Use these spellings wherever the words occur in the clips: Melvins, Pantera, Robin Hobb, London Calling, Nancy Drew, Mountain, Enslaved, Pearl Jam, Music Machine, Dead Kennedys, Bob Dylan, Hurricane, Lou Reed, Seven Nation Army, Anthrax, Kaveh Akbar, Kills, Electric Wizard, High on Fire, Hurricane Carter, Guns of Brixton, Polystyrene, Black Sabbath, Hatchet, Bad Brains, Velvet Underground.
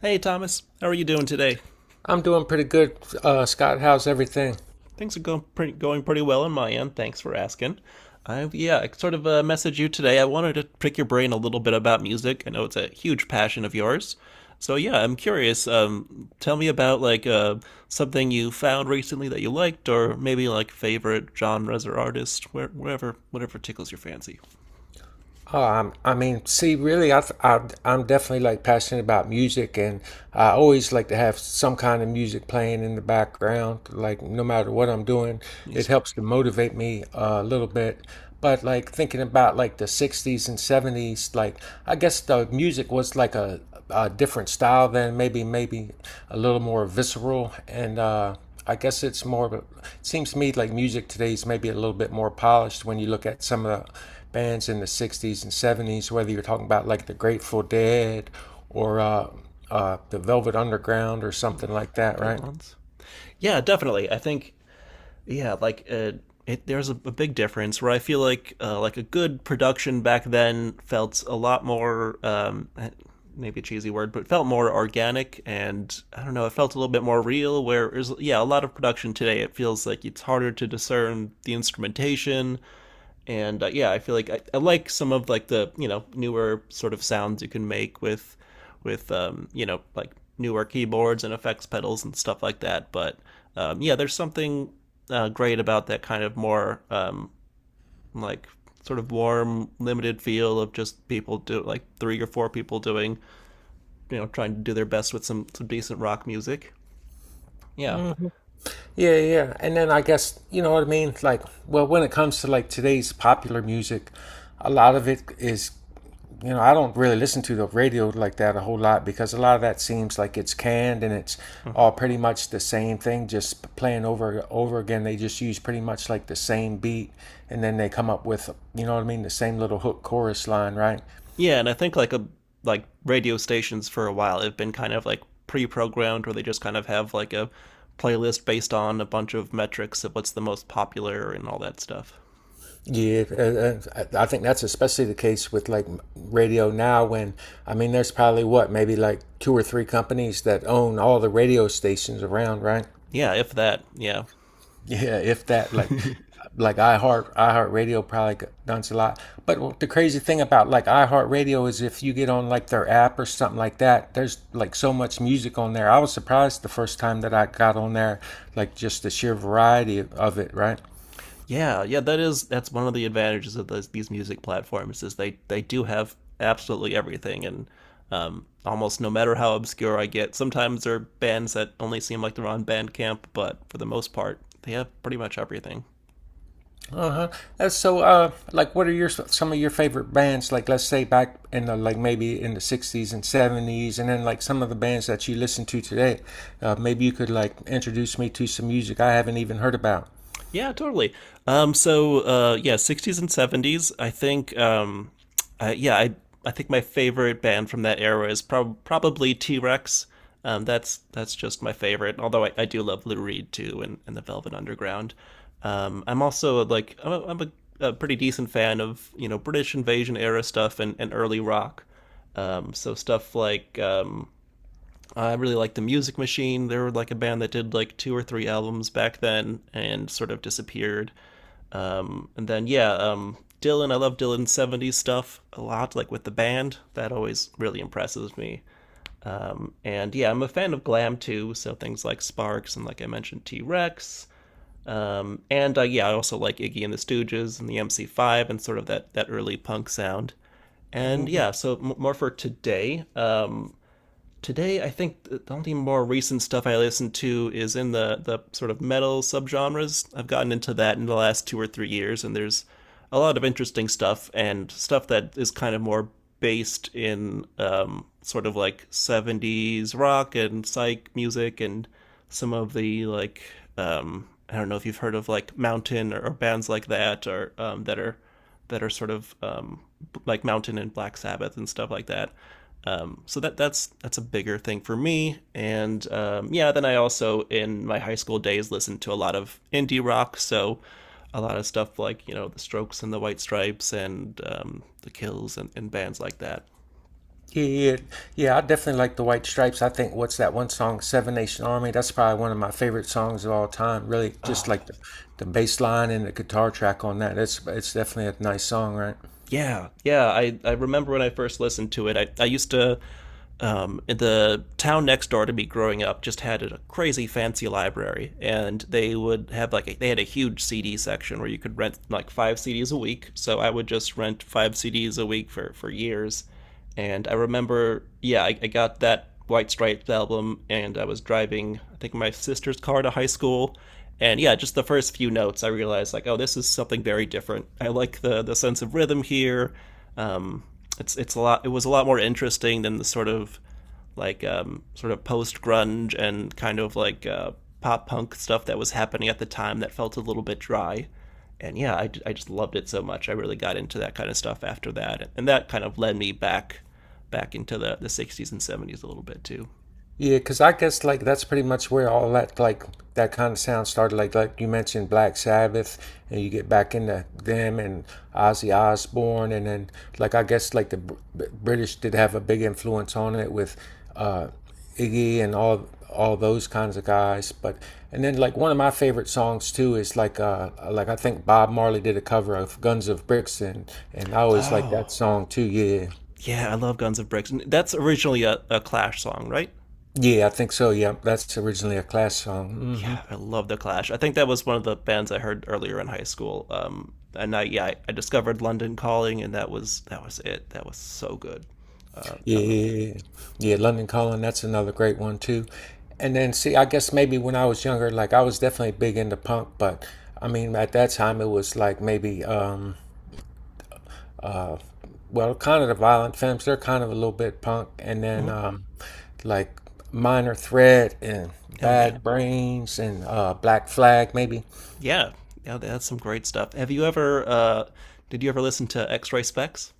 Hey, Thomas. How are you doing today? I'm doing pretty good, Scott. How's everything? Things are going going pretty well on my end. Thanks for asking. I sort of messaged you today. I wanted to pick your brain a little bit about music. I know it's a huge passion of yours. So yeah, I'm curious. Tell me about something you found recently that you liked, or maybe like favorite genres or artists, wherever, whatever tickles your fancy. Oh, I'm, I mean, see, really, I, I'm definitely like passionate about music, and I always like to have some kind of music playing in the background. Like, no matter what I'm doing, Let me it see. helps to motivate me a little bit. But like thinking about like the '60s and '70s, like I guess the music was like a different style then, maybe a little more visceral, and I guess it's more. It seems to me like music today is maybe a little bit more polished when you look at some of the bands in the '60s and '70s. Whether you're talking about like the Grateful Dead or the Velvet Underground or something like that, Good right? ones. Yeah, definitely. I think yeah, like uh, there's a big difference where I feel like a good production back then felt a lot more maybe a cheesy word, but felt more organic, and I don't know, it felt a little bit more real. Where there's yeah, a lot of production today, it feels like it's harder to discern the instrumentation and yeah, I feel like I like some of like the you know newer sort of sounds you can make with you know like newer keyboards and effects pedals and stuff like that. But yeah, there's something great about that kind of more like sort of warm, limited feel of just people do like three or four people doing you know trying to do their best with some decent rock music. Yeah. Yeah, yeah, yeah. And then I guess, you know what I mean? Like, well, when it comes to like today's popular music, a lot of it is, you know, I don't really listen to the radio like that a whole lot because a lot of that seems like it's canned and it's Mhm. all pretty much the same thing, just playing over again. They just use pretty much like the same beat and then they come up with, you know what I mean, the same little hook chorus line, right? Yeah, and I think like a like radio stations for a while have been kind of like pre-programmed where they just kind of have like a playlist based on a bunch of metrics of what's the most popular and all that stuff. Yeah, and- I think that's especially the case with like radio now. When I mean, there's probably what maybe like two or three companies that own all the radio stations around, right? Yeah, if that. Yeah. Yeah, if that, like iHeart, iHeartRadio probably does a lot. But the crazy thing about like iHeartRadio is if you get on like their app or something like that, there's like so much music on there. I was surprised the first time that I got on there, like just the sheer variety of it, right? Yeah, yeah, that is that's one of the advantages of these music platforms is they do have absolutely everything and almost no matter how obscure I get, sometimes there are bands that only seem like they're on Bandcamp, but for the most part, they have pretty much everything. Uh-huh. So, like, what are your some of your favorite bands? Like, let's say back in the like maybe in the '60s and '70s, and then like some of the bands that you listen to today. Maybe you could like introduce me to some music I haven't even heard about. Yeah, totally. Yeah, 60s and 70s. I think I, yeah, I think my favorite band from that era is probably T Rex. That's just my favorite. Although I do love Lou Reed too, and the Velvet Underground. I'm also like a pretty decent fan of you know British Invasion era stuff, and early rock. So stuff like I really like the Music Machine. They were like a band that did like two or three albums back then and sort of disappeared. Dylan. I love Dylan's '70s stuff a lot, like with the band. That always really impresses me. And yeah, I'm a fan of glam too. So things like Sparks and like I mentioned T Rex. And Yeah, I also like Iggy and the Stooges and the MC5 and sort of that early punk sound. And Mm. yeah, so more for today. Today, I think the only more recent stuff I listen to is in the sort of metal subgenres. I've gotten into that in the last 2 or 3 years, and there's a lot of interesting stuff and stuff that is kind of more based in sort of like '70s rock and psych music and some of the I don't know if you've heard of like Mountain or bands like that, or that are sort of like Mountain and Black Sabbath and stuff like that. That's a bigger thing for me. And yeah, then I also in my high school days listened to a lot of indie rock. So a lot of stuff like you know the Strokes and the White Stripes and the Kills, and bands like that. Yeah, yeah, yeah. I definitely like the White Stripes. I think what's that one song, Seven Nation Army? That's probably one of my favorite songs of all time. Really, just Oh like the bass line and the guitar track on that. It's definitely a nice song, right? yeah, yeah. I remember when I first listened to it. I used to The town next door to me growing up just had a crazy fancy library, and they would have they had a huge CD section where you could rent like 5 CDs a week. So I would just rent 5 CDs a week for years. And I remember, yeah, I got that White Stripes album, and I was driving, I think, my sister's car to high school. And yeah, just the first few notes, I realized like, oh, this is something very different. I like the sense of rhythm here. Um, It was a lot more interesting than the sort of sort of post grunge and kind of pop punk stuff that was happening at the time that felt a little bit dry. And yeah, I just loved it so much. I really got into that kind of stuff after that, and that kind of led me back into the '60s and '70s a little bit too. Yeah, because I guess like that's pretty much where all that like that kind of sound started. Like you mentioned Black Sabbath, and you get back into them and Ozzy Osbourne, and then like I guess like the British did have a big influence on it with uh, Iggy and all those kinds of guys. But and then like one of my favorite songs too is like I think Bob Marley did a cover of Guns of Brixton, and I always like Oh that song too. Yeah, yeah, I love Guns of Bricks. And that's originally a Clash song, right? yeah, I think so. Yeah, that's originally a Clash song. Hmm. Yeah, I love the Clash. I think that was one of the bands I heard earlier in high school. And I yeah, I, Discovered London Calling, and that was it. That was so good. I love that. Yeah, yeah, London Calling, that's another great one too. And then, see, I guess maybe when I was younger, like I was definitely big into punk, but I mean, at that time, it was like maybe, well, kind of the violent femmes, they're kind of a little bit punk, and then Hmm. Like Minor Threat and Oh yeah, Bad Brains and Black Flag, maybe. yeah, yeah. That's some great stuff. Have you ever? Did you ever listen to X Ray Specs?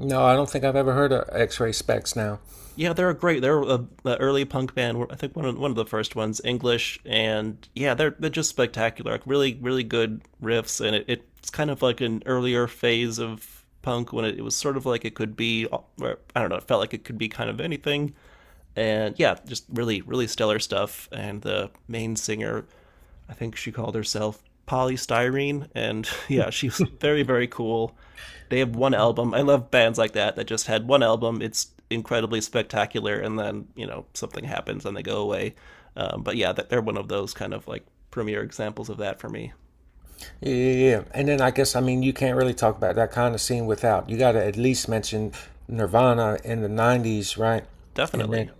No, I don't think I've ever heard of X Ray Specs now. Yeah, they're great. Early punk band. I think one of the first ones, English, and yeah, they're just spectacular. Like really, really good riffs, it's kind of like an earlier phase of punk when it was sort of like it could be. I don't know. It felt like it could be kind of anything, and yeah, just really, really stellar stuff. And the main singer, I think she called herself Polystyrene, and yeah, she's very, very cool. They have one album. I love bands like that that just had one album. It's incredibly spectacular, and then you know something happens and they go away. But yeah, they're one of those kind of like premier examples of that for me. Yeah, yeah, yeah. And then I guess I mean you can't really talk about that kind of scene without you got to at least mention Nirvana in the '90s, right? And Definitely. then,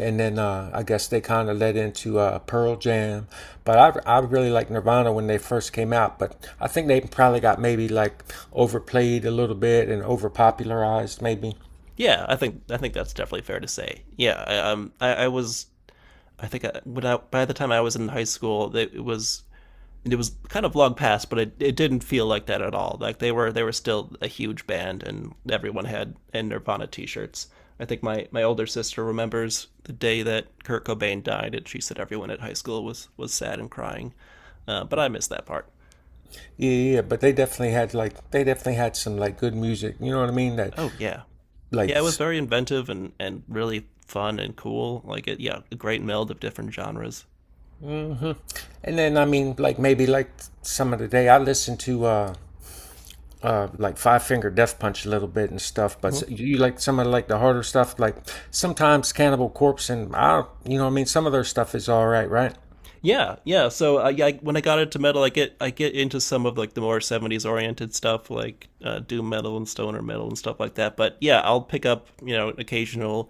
and then I guess they kind of led into Pearl Jam. But I really like Nirvana when they first came out, but I think they probably got maybe like overplayed a little bit and overpopularized maybe. Yeah, I think that's definitely fair to say. Yeah, I was I think I, When I, by the time I was in high school, it was kind of long past, but it didn't feel like that at all. Like they were still a huge band, and everyone had and Nirvana T-shirts. I think my older sister remembers the day that Kurt Cobain died, and she said everyone at high school was sad and crying. But I miss that part. Yeah, yeah, yeah. But they definitely had like they definitely had some like good music. You know what I mean? That Oh yeah, like yeah. It was very inventive and really fun and cool. Like yeah, a great meld of different genres. hmm. And then I mean, like maybe like some of the day I listen to like Five Finger Death Punch a little bit and stuff. But Hmm. you you like some of like the harder stuff, like sometimes Cannibal Corpse and I, you know, what I mean, some of their stuff is all right, right? Yeah, yeah. So I when I got into metal, I get into some of like the more '70s oriented stuff, like doom metal and stoner metal and stuff like that. But yeah, I'll pick up you know an occasional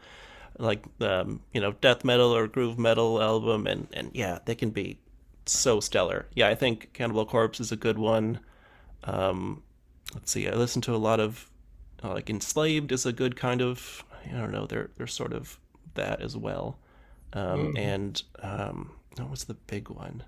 you know death metal or groove metal album, and yeah, they can be so stellar. Yeah, I think Cannibal Corpse is a good one. Let's see, I listen to a lot of like Enslaved is a good kind of I don't know they're sort of that as well. Hmm. And What was the big one?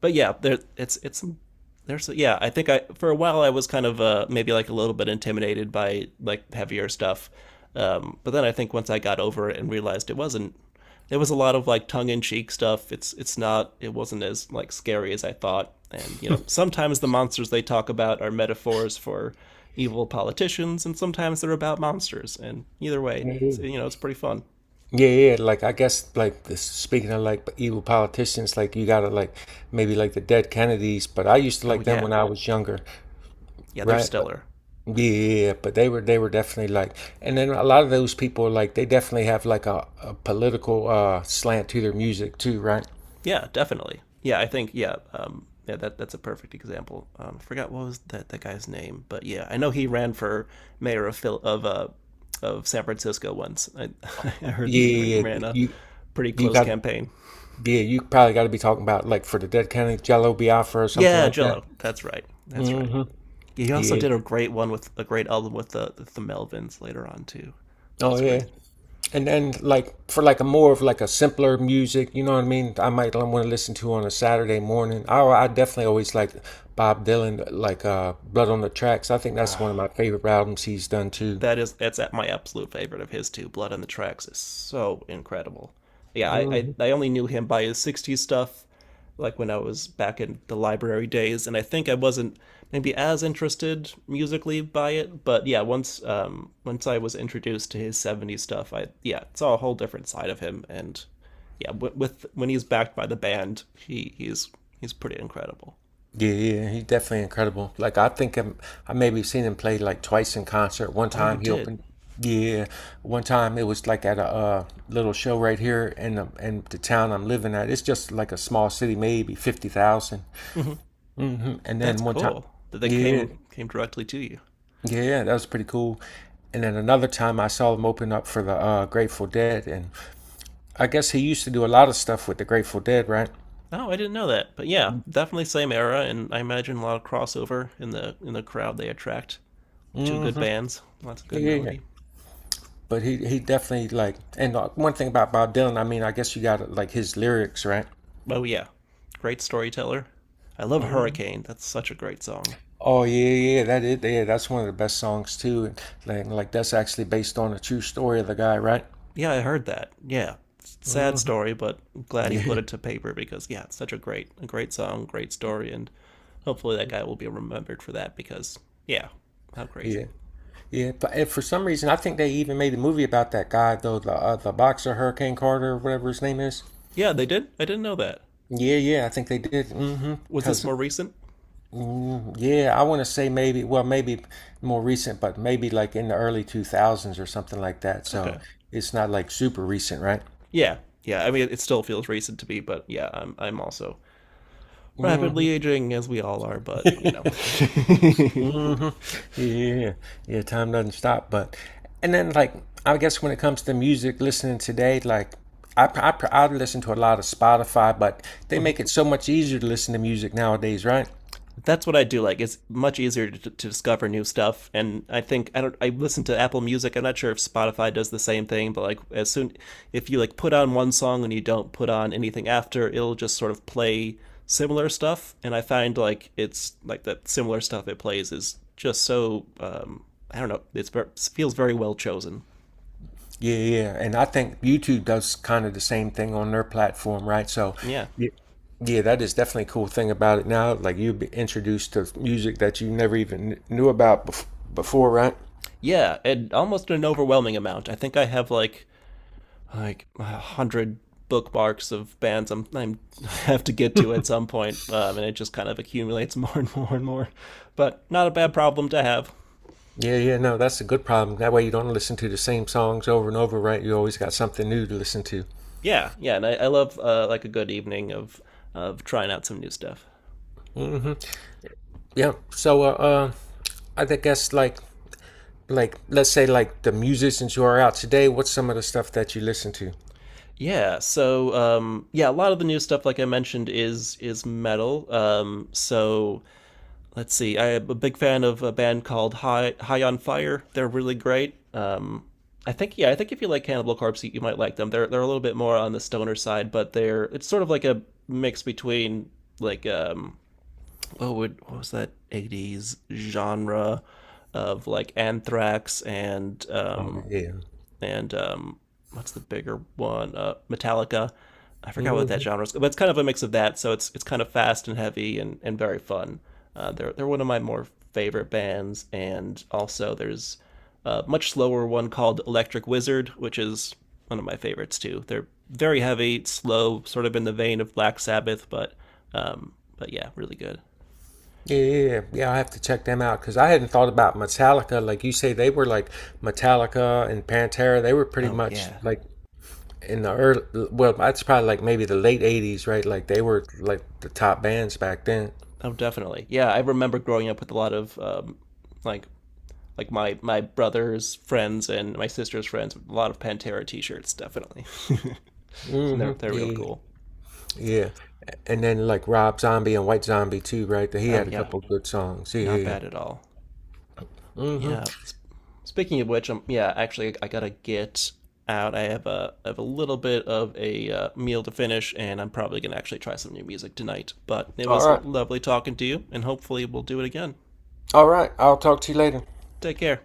But yeah, there it's some there's yeah. I think I for a while I was kind of maybe like a little bit intimidated by like heavier stuff, but then I think once I got over it and realized it wasn't. There was a lot of like tongue in cheek stuff. It wasn't as like scary as I thought. And you know sometimes the monsters they talk about are metaphors for evil politicians, and sometimes they're about monsters. And either way, you know it's pretty fun. Yeah, yeah. Like I guess like this, speaking of like evil politicians, like you gotta like maybe like the dead Kennedys, but I used to Oh like them yeah, when I was younger, yeah, they're right? stellar. Yeah, yeah, yeah, but they were definitely like, and then a lot of those people like they definitely have like a political slant to their music too, right? Yeah, definitely. Yeah, I think yeah, yeah that That's a perfect example. I forgot what was that guy's name, but yeah, I know he ran for mayor of Phil of San Francisco once. I, I heard he Yeah, ran a you pretty you close got campaign. yeah, you probably got to be talking about like for the Dead Kennedy, Jello Biafra or something Yeah, like that. Jello. That's right. That's right. Hmm. He also Yeah. did a great album with the Melvins later on too. It Oh was yeah. great. And then like for like a more of like a simpler music, you know what I mean? I might want to listen to on a Saturday morning. I definitely always like Bob Dylan, like Blood on the Tracks. I think that's one of my favorite albums he's done too. That is, that's at my absolute favorite of his too. Blood on the Tracks is so incredible. Yeah, I only knew him by his '60s stuff, like when I was back in the library days, and I think I wasn't maybe as interested musically by it. But yeah, once I was introduced to his '70s stuff, I yeah saw a whole different side of him, and yeah, with when he's backed by the band, he's he's pretty incredible. Yeah, yeah, he's definitely incredible. I maybe seen him play like twice in concert. One Oh, you time he did. opened, yeah, one time it was like at a little show right here in the town I'm living at. It's just like a small city, maybe 50,000. Hmm. Mm-hmm. And That's then one time, cool that they yeah, came directly to you. yeah, that was pretty cool. And then another time I saw him open up for the Grateful Dead, and I guess he used to do a lot of stuff with the Grateful Dead, right? Oh, I didn't know that. But yeah, definitely same era, and I imagine a lot of crossover in the crowd they attract. Two good Mm-hmm. bands, lots of Yeah, good yeah, yeah. melody. But he definitely like and one thing about Bob Dylan, I mean, I guess you got like his lyrics, right? Oh yeah, great storyteller. I love Mhm. Hurricane. That's such a great song. Oh yeah, yeah, that is yeah, that's one of the best songs too. And like that's actually based on a true story of the guy, right? Yeah, I heard that. Yeah, sad Mhm. story, but I'm glad he put Yeah, it to paper because yeah, it's such a great song, great story, and hopefully that guy will be remembered for that because yeah, how yeah, crazy. yeah. But and for some reason, I think they even made a movie about that guy though, the boxer Hurricane Carter, or whatever his name is. Yeah, they did. I didn't know that. Yeah, yeah, I think they did. Mm-hmm. Was this Because. more recent? Yeah, I want to say maybe, well, maybe more recent, but maybe like in the early 2000s or something like that. So Okay. it's not like super recent, right? Yeah, yeah. I mean, it still feels recent to me, but yeah, I'm also Hmm. rapidly aging as we all are. But you know, Hmm. Yeah. Yeah, time doesn't stop, but and then like I guess when it comes to music listening today, like I listen to a lot of Spotify, but they Mm-hmm. make it so much easier to listen to music nowadays, right? That's what I do like. It's much easier to discover new stuff, and I think I don't. I listen to Apple Music. I'm not sure if Spotify does the same thing, but like as soon if you like put on one song and you don't put on anything after, it'll just sort of play similar stuff. And I find like it's like that similar stuff it plays is just so I don't know. It's feels very well chosen. Yeah, yeah, yeah. And I think YouTube does kind of the same thing on their platform, right? So, Yeah. yeah, yeah, that is definitely a cool thing about it now. Like you be introduced to music that you never even knew about before, right? Yeah, and almost an overwhelming amount. I think I have like a hundred bookmarks of bands I have to get to at some point, and it just kind of accumulates more and more and more. But not a bad problem to have. Yeah, yeah, no, that's a good problem. That way you don't listen to the same songs over and over, right? You always got something new to listen to. Yeah, yeah, and I love like a good evening of trying out some new stuff. Hmm. Yeah. So, I think that's like, let's say like the musicians who are out today, what's some of the stuff that you listen to? Yeah, so yeah, a lot of the new stuff, like I mentioned, is metal. So let's see. I'm a big fan of a band called High on Fire. They're really great. I think yeah, I think if you like Cannibal Corpse, you might like them. They're a little bit more on the stoner side, but they're it's sort of like a mix between like um what was that 80s genre of like Anthrax and Oh, and um, what's the bigger one? Metallica. I forgot what that yeah. genre is, but it's kind of a mix of that. So it's kind of fast and heavy and very fun. They're one of my more favorite bands, and also there's a much slower one called Electric Wizard, which is one of my favorites too. They're very heavy, slow, sort of in the vein of Black Sabbath, but yeah, really good. Yeah, yeah, yeah. Yeah, I have to check them out because I hadn't thought about Metallica. Like you say, they were like Metallica and Pantera. They were pretty Oh much yeah, like in the early, well, that's probably like maybe the late '80s, right? Like they were like the top bands back then. oh definitely, yeah. I remember growing up with a lot of like like my brother's friends and my sister's friends. A lot of Pantera T-shirts, definitely, and they're Hmm. they're real Yeah. cool. Yeah. And then like Rob Zombie and White Zombie too, right? He Oh had a yeah, couple good songs. not Yeah. bad at all. Yeah. Mm-hmm. Speaking of which, yeah, actually, I gotta get out. I have a little bit of a meal to finish, and I'm probably gonna actually try some new music tonight. But it All was right. lovely talking to you, and hopefully we'll do it again. All right. I'll talk to you later. Take care.